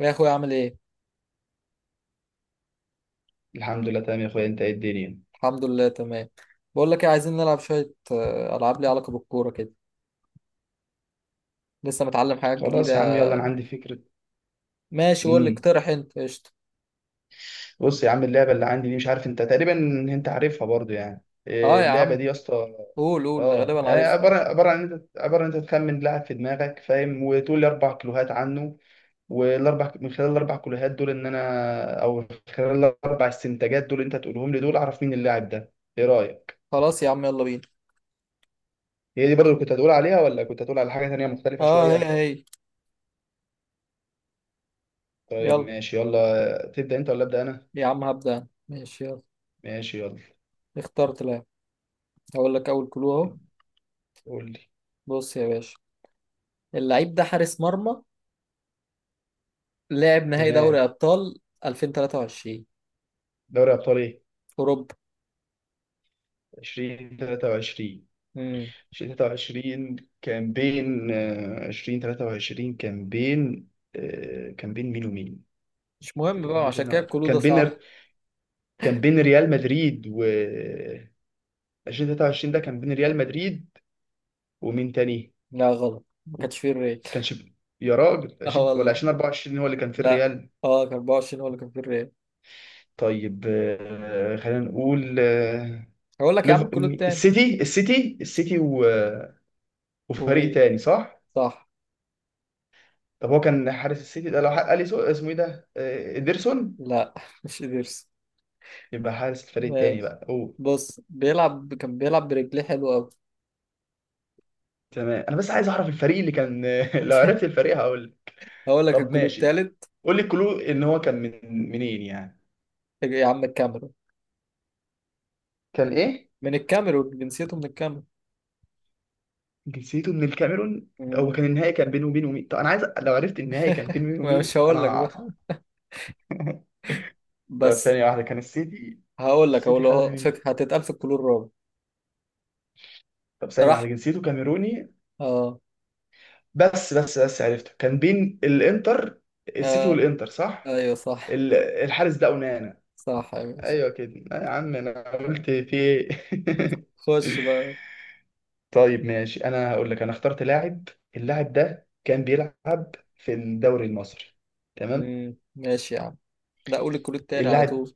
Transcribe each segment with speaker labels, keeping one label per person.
Speaker 1: يا اخويا عامل ايه؟
Speaker 2: الحمد لله تمام يا اخويا، انت ايه الدنيا؟
Speaker 1: الحمد لله تمام. بقول لك ايه، عايزين نلعب شويه، العاب ليها علاقه بالكوره كده. لسه متعلم حاجات جديده.
Speaker 2: خلاص يا عم يلا، انا عندي فكره.
Speaker 1: ماشي قول لي،
Speaker 2: امم
Speaker 1: اقترح انت، قشطه.
Speaker 2: بص يا عم، اللعبه اللي عندي دي مش عارف انت تقريبا انت عارفها برضو، يعني
Speaker 1: اه يا
Speaker 2: اللعبه دي
Speaker 1: عم.
Speaker 2: يا اسطى.
Speaker 1: قول قول غالبا عارفها
Speaker 2: عباره
Speaker 1: يعني.
Speaker 2: عباره عن انت عباره عن انت تخمن لاعب في دماغك، فاهم؟ وتقول لي اربع كلوهات عنه، والاربع من خلال الاربع كلوهات دول ان انا، او من خلال الاربع استنتاجات دول انت تقولهم لي دول، اعرف مين اللاعب ده. ايه رايك؟
Speaker 1: خلاص يا عم يلا بينا.
Speaker 2: هي دي برضو اللي كنت هتقول عليها، ولا كنت هتقول على حاجه تانيه مختلفه
Speaker 1: اه، هي.
Speaker 2: شويه؟
Speaker 1: هي.
Speaker 2: طيب
Speaker 1: يلا
Speaker 2: ماشي، يلا تبدا انت ولا ابدا انا؟
Speaker 1: يا عم هبدا أنا. ماشي يلا.
Speaker 2: ماشي يلا.
Speaker 1: اخترت لاعب. هقول لك اول كلو اهو.
Speaker 2: قول لي.
Speaker 1: بص يا باشا، اللعيب ده حارس مرمى، لاعب نهائي
Speaker 2: تمام.
Speaker 1: دوري ابطال 2023
Speaker 2: دوري ابطال ايه؟
Speaker 1: اوروبا.
Speaker 2: 2023.
Speaker 1: امم
Speaker 2: 2023 كان بين آه، 2023 كان بين كان بين مين ومين؟
Speaker 1: مش مهم بقى،
Speaker 2: تفكرنيش،
Speaker 1: عشان
Speaker 2: انا
Speaker 1: كده
Speaker 2: وقتها
Speaker 1: الكلو ده
Speaker 2: كان بين،
Speaker 1: صح.
Speaker 2: كان بين ريال مدريد و 2023 ده كان بين ريال مدريد ومين تاني؟
Speaker 1: لا غلط، ما كانش فيه الريال.
Speaker 2: كانش. يا راجل،
Speaker 1: اه
Speaker 2: 20 ولا
Speaker 1: والله.
Speaker 2: 2024 هو اللي كان في
Speaker 1: لا.
Speaker 2: الريال؟
Speaker 1: اه، كان 24 هو اللي كان في الريال.
Speaker 2: طيب خلينا نقول.
Speaker 1: هقول لك يا
Speaker 2: ليف-
Speaker 1: عم الكلود تاني.
Speaker 2: السيتي و... آه، وفريق
Speaker 1: ومين؟
Speaker 2: تاني، صح؟
Speaker 1: صح.
Speaker 2: طب هو كان حارس السيتي ده لو حق اليسو، اسمه ايه ده؟ ادرسون.
Speaker 1: لا مش إيدرس.
Speaker 2: يبقى حارس الفريق التاني
Speaker 1: ماشي.
Speaker 2: بقى، اوه.
Speaker 1: بص، كان بيلعب برجليه حلو قوي.
Speaker 2: تمام، انا بس عايز اعرف الفريق اللي كان لو عرفت الفريق هقول لك.
Speaker 1: هقول لك
Speaker 2: طب
Speaker 1: الكلود
Speaker 2: ماشي،
Speaker 1: التالت.
Speaker 2: قول لي كلو ان هو كان من منين يعني.
Speaker 1: يا عم الكاميرون،
Speaker 2: كان ايه؟
Speaker 1: من الكاميرون، جنسيته من الكاميرون.
Speaker 2: جنسيته من الكاميرون. هو
Speaker 1: مم،
Speaker 2: كان النهائي كان بينه وبين مين؟ طب انا عايز، لو عرفت النهائي كان بينه وبين
Speaker 1: ما مش
Speaker 2: مين انا
Speaker 1: هقول لك
Speaker 2: هقع.
Speaker 1: بقى.
Speaker 2: طب
Speaker 1: بس.
Speaker 2: ثانية واحدة، كان السيتي،
Speaker 1: هقول
Speaker 2: السيتي خدها
Speaker 1: له
Speaker 2: من،
Speaker 1: هتتقال في الكلور الرابع.
Speaker 2: طب ثانية واحدة،
Speaker 1: راح.
Speaker 2: جنسيته كاميروني.
Speaker 1: اه.
Speaker 2: بس عرفته، كان بين الانتر، السيتي
Speaker 1: اه
Speaker 2: والانتر صح؟
Speaker 1: ايوه صح.
Speaker 2: الحارس ده اونانا.
Speaker 1: صح يا باشا.
Speaker 2: ايوه كده. لا يا عم، انا قلت في ايه.
Speaker 1: خش بقى.
Speaker 2: طيب ماشي، انا هقول لك، انا اخترت لاعب. اللاعب ده كان بيلعب في الدوري المصري، تمام؟
Speaker 1: ماشي يا عم. لا قول الكلود التاني على
Speaker 2: اللاعب
Speaker 1: طول.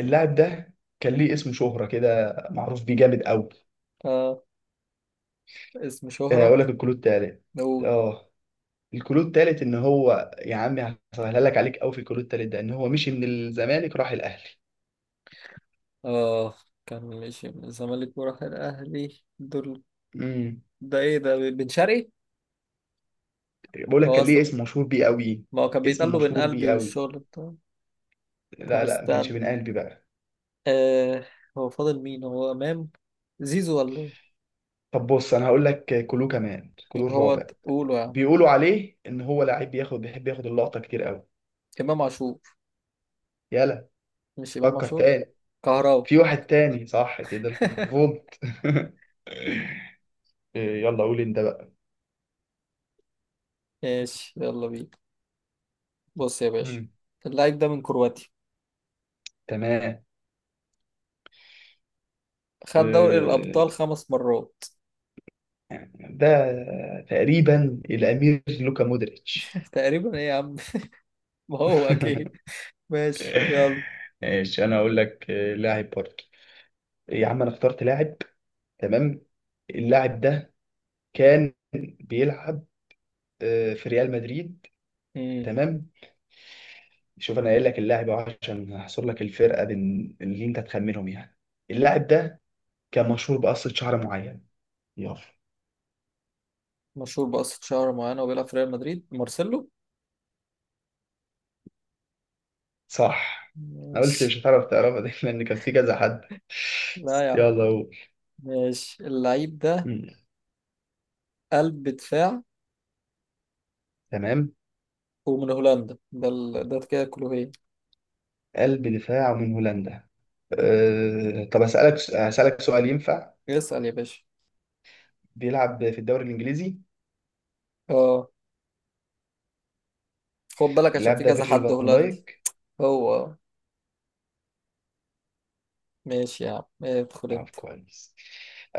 Speaker 2: اللاعب ده كان ليه اسم شهرة كده، معروف بيه جامد قوي.
Speaker 1: اه. اسم شهرة.
Speaker 2: اقول لك الكلود التالت.
Speaker 1: نقول.
Speaker 2: اه، الكلود التالت ان هو، يا عمي هسهلها لك، عليك قوي في الكلود التالت ده، ان هو مشي من الزمالك راح الاهلي.
Speaker 1: اه. كان ماشي من الزمالك وراح الاهلي دول.
Speaker 2: امم.
Speaker 1: ده ايه ده، بن شرقي؟
Speaker 2: بقول لك
Speaker 1: هو
Speaker 2: كان ليه
Speaker 1: اصلا،
Speaker 2: اسم مشهور بيه قوي.
Speaker 1: ما هو كان بيتقال
Speaker 2: اسم
Speaker 1: له بن
Speaker 2: مشهور
Speaker 1: قلبي
Speaker 2: بيه قوي.
Speaker 1: والشغل بتاعه. طب
Speaker 2: لا لا، ما كانش
Speaker 1: استنى.
Speaker 2: بين قلبي بقى.
Speaker 1: آه هو فاضل مين، هو امام، زيزو، ولا
Speaker 2: طب بص، انا هقول لك كلو كمان،
Speaker 1: إيه؟
Speaker 2: كلو
Speaker 1: هو
Speaker 2: الرابع.
Speaker 1: تقوله يا عم.
Speaker 2: بيقولوا عليه ان هو لعيب بياخد، بيحب ياخد اللقطه كتير قوي.
Speaker 1: امام عاشور.
Speaker 2: يلا.
Speaker 1: مش امام
Speaker 2: فكر
Speaker 1: عاشور.
Speaker 2: تاني،
Speaker 1: كهراوي.
Speaker 2: في واحد تاني صح كده، الفولت. يلا قول انت بقى.
Speaker 1: ماشي يلا بينا. بص يا باشا،
Speaker 2: مم.
Speaker 1: اللعيب ده من كرواتيا.
Speaker 2: تمام.
Speaker 1: خد دوري الابطال
Speaker 2: إيه،
Speaker 1: 5 مرات.
Speaker 2: ده تقريبا الامير لوكا مودريتش.
Speaker 1: تقريبا ايه يا عم؟ ما هو اكيد. ماشي يلا.
Speaker 2: ماشي، انا اقول لك لاعب برضه. يا عم انا اخترت لاعب، تمام؟ اللاعب ده كان بيلعب في ريال مدريد، تمام؟ شوف، انا قايل لك اللاعب أهو عشان احصر لك الفرقه بين اللي انت تخمنهم يعني. اللاعب ده كان مشهور بقصه شعر معين. يلا.
Speaker 1: مشهور بقصة شعر معينة وبيلعب في ريال مدريد، مارسيلو.
Speaker 2: صح. انا قلت مش
Speaker 1: ماشي.
Speaker 2: هتعرف تعرفها دي لان كان في كذا حد.
Speaker 1: لا يا عم.
Speaker 2: يلا هو.
Speaker 1: ماشي اللعيب ده
Speaker 2: مم.
Speaker 1: قلب دفاع
Speaker 2: تمام.
Speaker 1: ومن هولندا، ده كده كلوهيه.
Speaker 2: قلب دفاع من هولندا. طب اسالك سؤال ينفع؟
Speaker 1: اسأل يا باشا.
Speaker 2: بيلعب في الدوري الانجليزي؟
Speaker 1: اه. خد بالك عشان
Speaker 2: اللاعب
Speaker 1: في
Speaker 2: ده
Speaker 1: كذا
Speaker 2: فيرجيل
Speaker 1: حد
Speaker 2: فان
Speaker 1: هولندي.
Speaker 2: دايك.
Speaker 1: هو. ماشي يا عم، ادخل
Speaker 2: طب
Speaker 1: انت.
Speaker 2: كويس.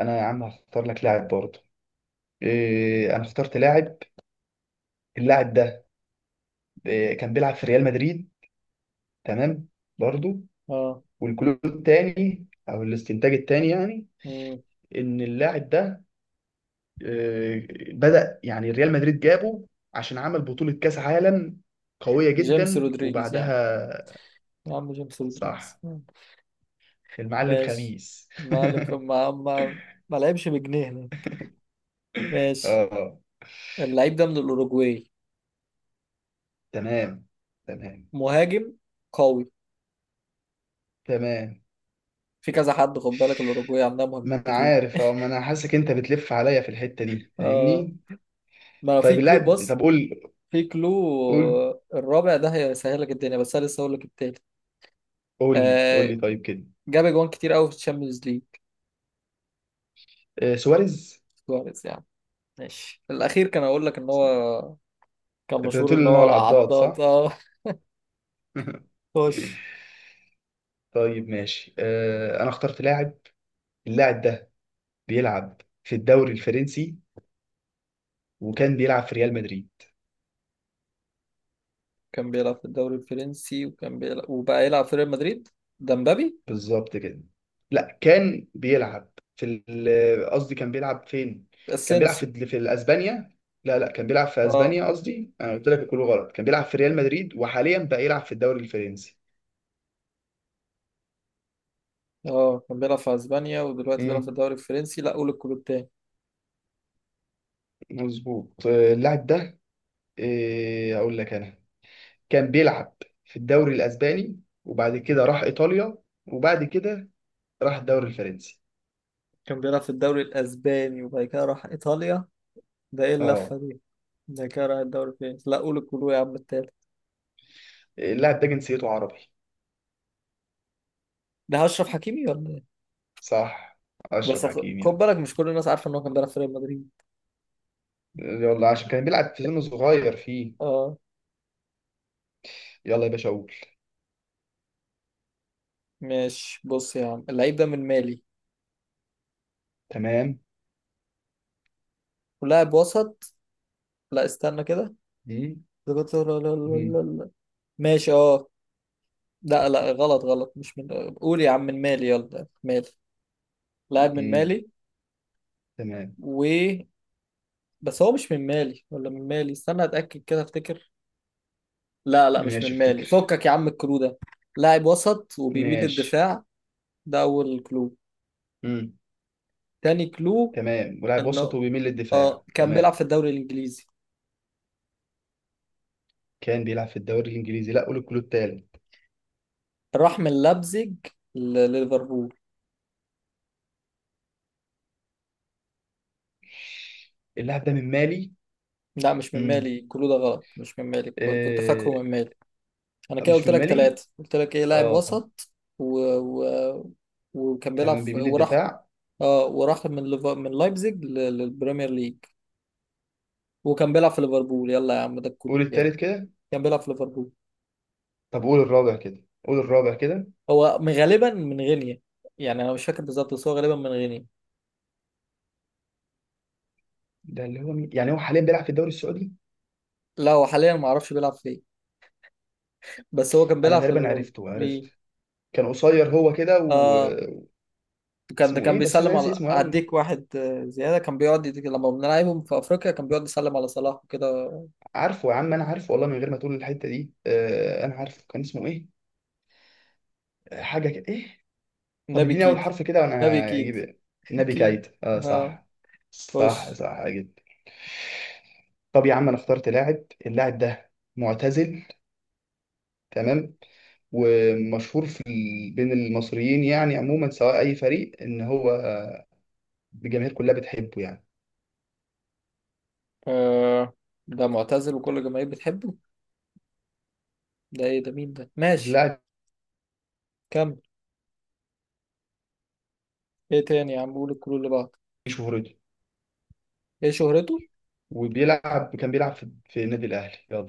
Speaker 2: انا يا عم هختار لك لاعب برضه. انا اخترت لاعب. اللاعب ده كان بيلعب في ريال مدريد، تمام؟ برضو.
Speaker 1: اه.
Speaker 2: والكلو التاني او الاستنتاج التاني يعني،
Speaker 1: مم.
Speaker 2: ان اللاعب ده آه، بدأ يعني ريال مدريد جابه عشان عمل بطولة كأس عالم قوية
Speaker 1: جيمس
Speaker 2: جدا
Speaker 1: رودريجيز يا عم.
Speaker 2: وبعدها.
Speaker 1: يا عم جيمس
Speaker 2: صح،
Speaker 1: رودريجيز مم.
Speaker 2: المعلم
Speaker 1: ماشي.
Speaker 2: خميس.
Speaker 1: ما ما ما, ما لعبش بجنيه هنا. ماشي.
Speaker 2: اه.
Speaker 1: اللعيب ده من الأوروجواي،
Speaker 2: تمام. تمام.
Speaker 1: مهاجم قوي.
Speaker 2: تمام.
Speaker 1: في كذا حد خد بالك، الأوروجواي عندها
Speaker 2: ما
Speaker 1: مهاجمين
Speaker 2: انا
Speaker 1: كتير.
Speaker 2: عارف، اه ما انا حاسك انت بتلف عليا في الحتة دي،
Speaker 1: آه
Speaker 2: فاهمني؟
Speaker 1: ما في
Speaker 2: طيب
Speaker 1: كلو
Speaker 2: اللاعب،
Speaker 1: بص.
Speaker 2: طب قول.
Speaker 1: في كلو،
Speaker 2: قول
Speaker 1: الرابع ده هيسهل لك الدنيا، بس أنا لسه هقول لك التالت.
Speaker 2: قول لي قول
Speaker 1: آه
Speaker 2: لي طيب كده.
Speaker 1: جاب جوان كتير قوي في الشامبيونز ليج.
Speaker 2: سواريز.
Speaker 1: سواريز يعني. ماشي الأخير، كان أقول لك إن هو كان
Speaker 2: كنت
Speaker 1: مشهور
Speaker 2: هتقول
Speaker 1: إن
Speaker 2: ان هو
Speaker 1: هو
Speaker 2: العضاد
Speaker 1: العضاد
Speaker 2: صح؟
Speaker 1: آه خش.
Speaker 2: طيب ماشي. انا اخترت لاعب. اللاعب ده بيلعب في الدوري الفرنسي وكان بيلعب في ريال مدريد.
Speaker 1: كان بيلعب في الدوري الفرنسي، وكان بيلعب وبقى يلعب في ريال مدريد، ده مبابي.
Speaker 2: بالظبط كده. لا كان بيلعب في قصدي كان بيلعب فين؟ كان بيلعب
Speaker 1: اسينسيو.
Speaker 2: في اسبانيا. لا لا، كان بيلعب في
Speaker 1: اه.
Speaker 2: اسبانيا قصدي، انا قلت لك كله غلط. كان بيلعب في ريال مدريد وحاليا بقى يلعب في الدوري الفرنسي.
Speaker 1: اه كان بيلعب في اسبانيا ودلوقتي بيلعب في
Speaker 2: امم،
Speaker 1: الدوري الفرنسي. لا قول الكلوب تاني.
Speaker 2: مظبوط. اللاعب ده اقول لك انا. كان بيلعب في الدوري الاسباني وبعد كده راح ايطاليا، وبعد كده راح الدوري الفرنسي.
Speaker 1: كان بيلعب في الدوري الأسباني وبعد كده راح إيطاليا. ده إيه
Speaker 2: اه.
Speaker 1: اللفة دي؟ ده كده راح الدوري فين؟ لا قول الكلو يا عم التالت.
Speaker 2: اللاعب ده جنسيته عربي.
Speaker 1: ده أشرف حكيمي ولا إيه؟
Speaker 2: صح، اشرف
Speaker 1: بس
Speaker 2: حكيمي
Speaker 1: خد
Speaker 2: اه.
Speaker 1: بالك مش كل الناس عارفة إن هو كان بيلعب في ريال مدريد.
Speaker 2: يلا، عشان كان بيلعب في سن صغير فيه.
Speaker 1: أه.
Speaker 2: يلا يا باشا اقول.
Speaker 1: ماشي بص يا عم، اللعيب ده من مالي
Speaker 2: تمام.
Speaker 1: ولاعب وسط. لا استنى كده.
Speaker 2: مم.
Speaker 1: ده لا- لا- لا-
Speaker 2: مم.
Speaker 1: لا- لا. ماشي. لا لا غلط غلط، مش من، قول يا عم من مالي يلا مالي. لاعب من
Speaker 2: مم.
Speaker 1: مالي.
Speaker 2: تمام.
Speaker 1: و. بس هو مش من مالي ولا من مالي، استنى أتأكد كده أفتكر. لا لا مش
Speaker 2: ماشي
Speaker 1: من مالي،
Speaker 2: افتكر.
Speaker 1: فكك يا عم الكلو ده. لاعب وسط وبيميل
Speaker 2: ماشي.
Speaker 1: للدفاع. ده اول كلو.
Speaker 2: مم.
Speaker 1: تاني كلو
Speaker 2: تمام، ولاعب وسط
Speaker 1: انه،
Speaker 2: وبيميل للدفاع،
Speaker 1: اه، كان بيلعب
Speaker 2: تمام.
Speaker 1: في الدوري الانجليزي.
Speaker 2: كان بيلعب في الدوري الانجليزي. لا، قول الكلود التالت.
Speaker 1: راح من لابزيج لليفربول.
Speaker 2: اللاعب ده من مالي؟
Speaker 1: لا مش من
Speaker 2: مم.
Speaker 1: مالي، الكلو ده غلط، مش من مالي. كنت
Speaker 2: آه،
Speaker 1: فاكره من مالي. انا كده
Speaker 2: مش
Speaker 1: قلت
Speaker 2: من
Speaker 1: لك
Speaker 2: مالي،
Speaker 1: ثلاثة، قلت لك ايه، لاعب
Speaker 2: اه.
Speaker 1: وسط و... و... وكان بيلعب
Speaker 2: تمام، بيميل
Speaker 1: وراح.
Speaker 2: للدفاع.
Speaker 1: اه، وراح من من لايبزيج للبريمير ليج. وكان بيلعب في ليفربول، يلا يا عم ده الكلو
Speaker 2: قول
Speaker 1: بتاعي.
Speaker 2: التالت كده.
Speaker 1: كان بيلعب في ليفربول.
Speaker 2: طب قول الرابع كده، قول الرابع كده.
Speaker 1: هو غالبا من غينيا. يعني انا مش فاكر بالظبط، بس هو غالبا من غينيا.
Speaker 2: ده اللي هو مين يعني، هو حاليا بيلعب في الدوري السعودي؟
Speaker 1: لا هو حاليا ما اعرفش بيلعب فين. بس هو كان
Speaker 2: انا
Speaker 1: بيلعب في
Speaker 2: تقريبا
Speaker 1: ليفربول.
Speaker 2: عرفته، عرفت.
Speaker 1: مين؟
Speaker 2: كان قصير هو كده.
Speaker 1: اه. كان
Speaker 2: واسمه
Speaker 1: كان
Speaker 2: ايه؟ بس انا
Speaker 1: بيسلم
Speaker 2: ناسي
Speaker 1: على
Speaker 2: اسمه قوي.
Speaker 1: هديك واحد، زياده كان بيقعد يديك، لما بنلعبهم في افريقيا كان بيقعد يسلم على صلاح وكده.
Speaker 2: عارفه يا عم، انا عارفه والله من غير ما تقول الحتة دي. آه انا عارفه، كان اسمه ايه؟ حاجة كده ايه. طب
Speaker 1: نبي
Speaker 2: اديني اول
Speaker 1: كيتي.
Speaker 2: حرف كده وانا
Speaker 1: نبي كيتي.
Speaker 2: هجيب. نبي
Speaker 1: كيتي.
Speaker 2: كايت، اه
Speaker 1: اه.
Speaker 2: صح. صح،
Speaker 1: خش.
Speaker 2: صح جدا. طب يا عم انا اخترت لاعب. اللاعب ده معتزل، تمام؟ ومشهور بين المصريين يعني عموما، سواء اي فريق، ان هو الجماهير كلها بتحبه يعني.
Speaker 1: آه. ده معتزل وكل الجماهير بتحبه. ده ايه ده، مين ده؟ ماشي
Speaker 2: اللاعب
Speaker 1: كمل. ايه تاني يا عم، قول الكلو اللي بعده.
Speaker 2: دي شهرته،
Speaker 1: ايه شهرته؟
Speaker 2: وبيلعب كان بيلعب في النادي الاهلي. يلا.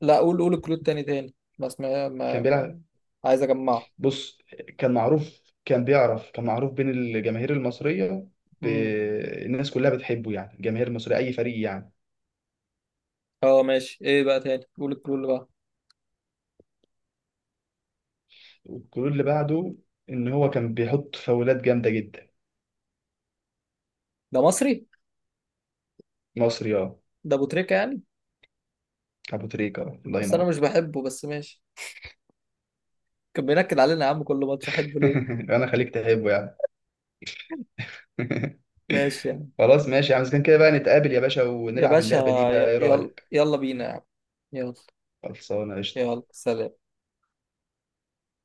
Speaker 1: لا قول، قول الكلود تاني، تاني بس، ما, ما,
Speaker 2: كان بيلعب.
Speaker 1: ما عايز اجمعه.
Speaker 2: بص، كان معروف بين الجماهير المصريه ب...
Speaker 1: امم
Speaker 2: الناس كلها بتحبه يعني، الجماهير المصريه اي فريق يعني.
Speaker 1: اه ماشي، ايه بقى تاني، قول الكلود بقى.
Speaker 2: والجول اللي بعده، ان هو كان بيحط فاولات جامده جدا.
Speaker 1: ده مصري.
Speaker 2: مصري اه.
Speaker 1: ده ابو تريكة يعني.
Speaker 2: ابو تريكه آه، الله
Speaker 1: بس انا
Speaker 2: ينور.
Speaker 1: مش بحبه، بس ماشي. كان بينكد علينا يا عم كل ماتش، احبه ليه؟
Speaker 2: انا خليك تحبه يعني.
Speaker 1: ماشي يعني.
Speaker 2: خلاص ماشي يا عم، إذا كان كده بقى نتقابل يا باشا
Speaker 1: يا
Speaker 2: ونلعب
Speaker 1: باشا،
Speaker 2: اللعبة دي بقى، ايه
Speaker 1: يلا
Speaker 2: رأيك؟
Speaker 1: يلا بينا يا عم. يلا.
Speaker 2: خلصانة قشطة.
Speaker 1: يلا سلام.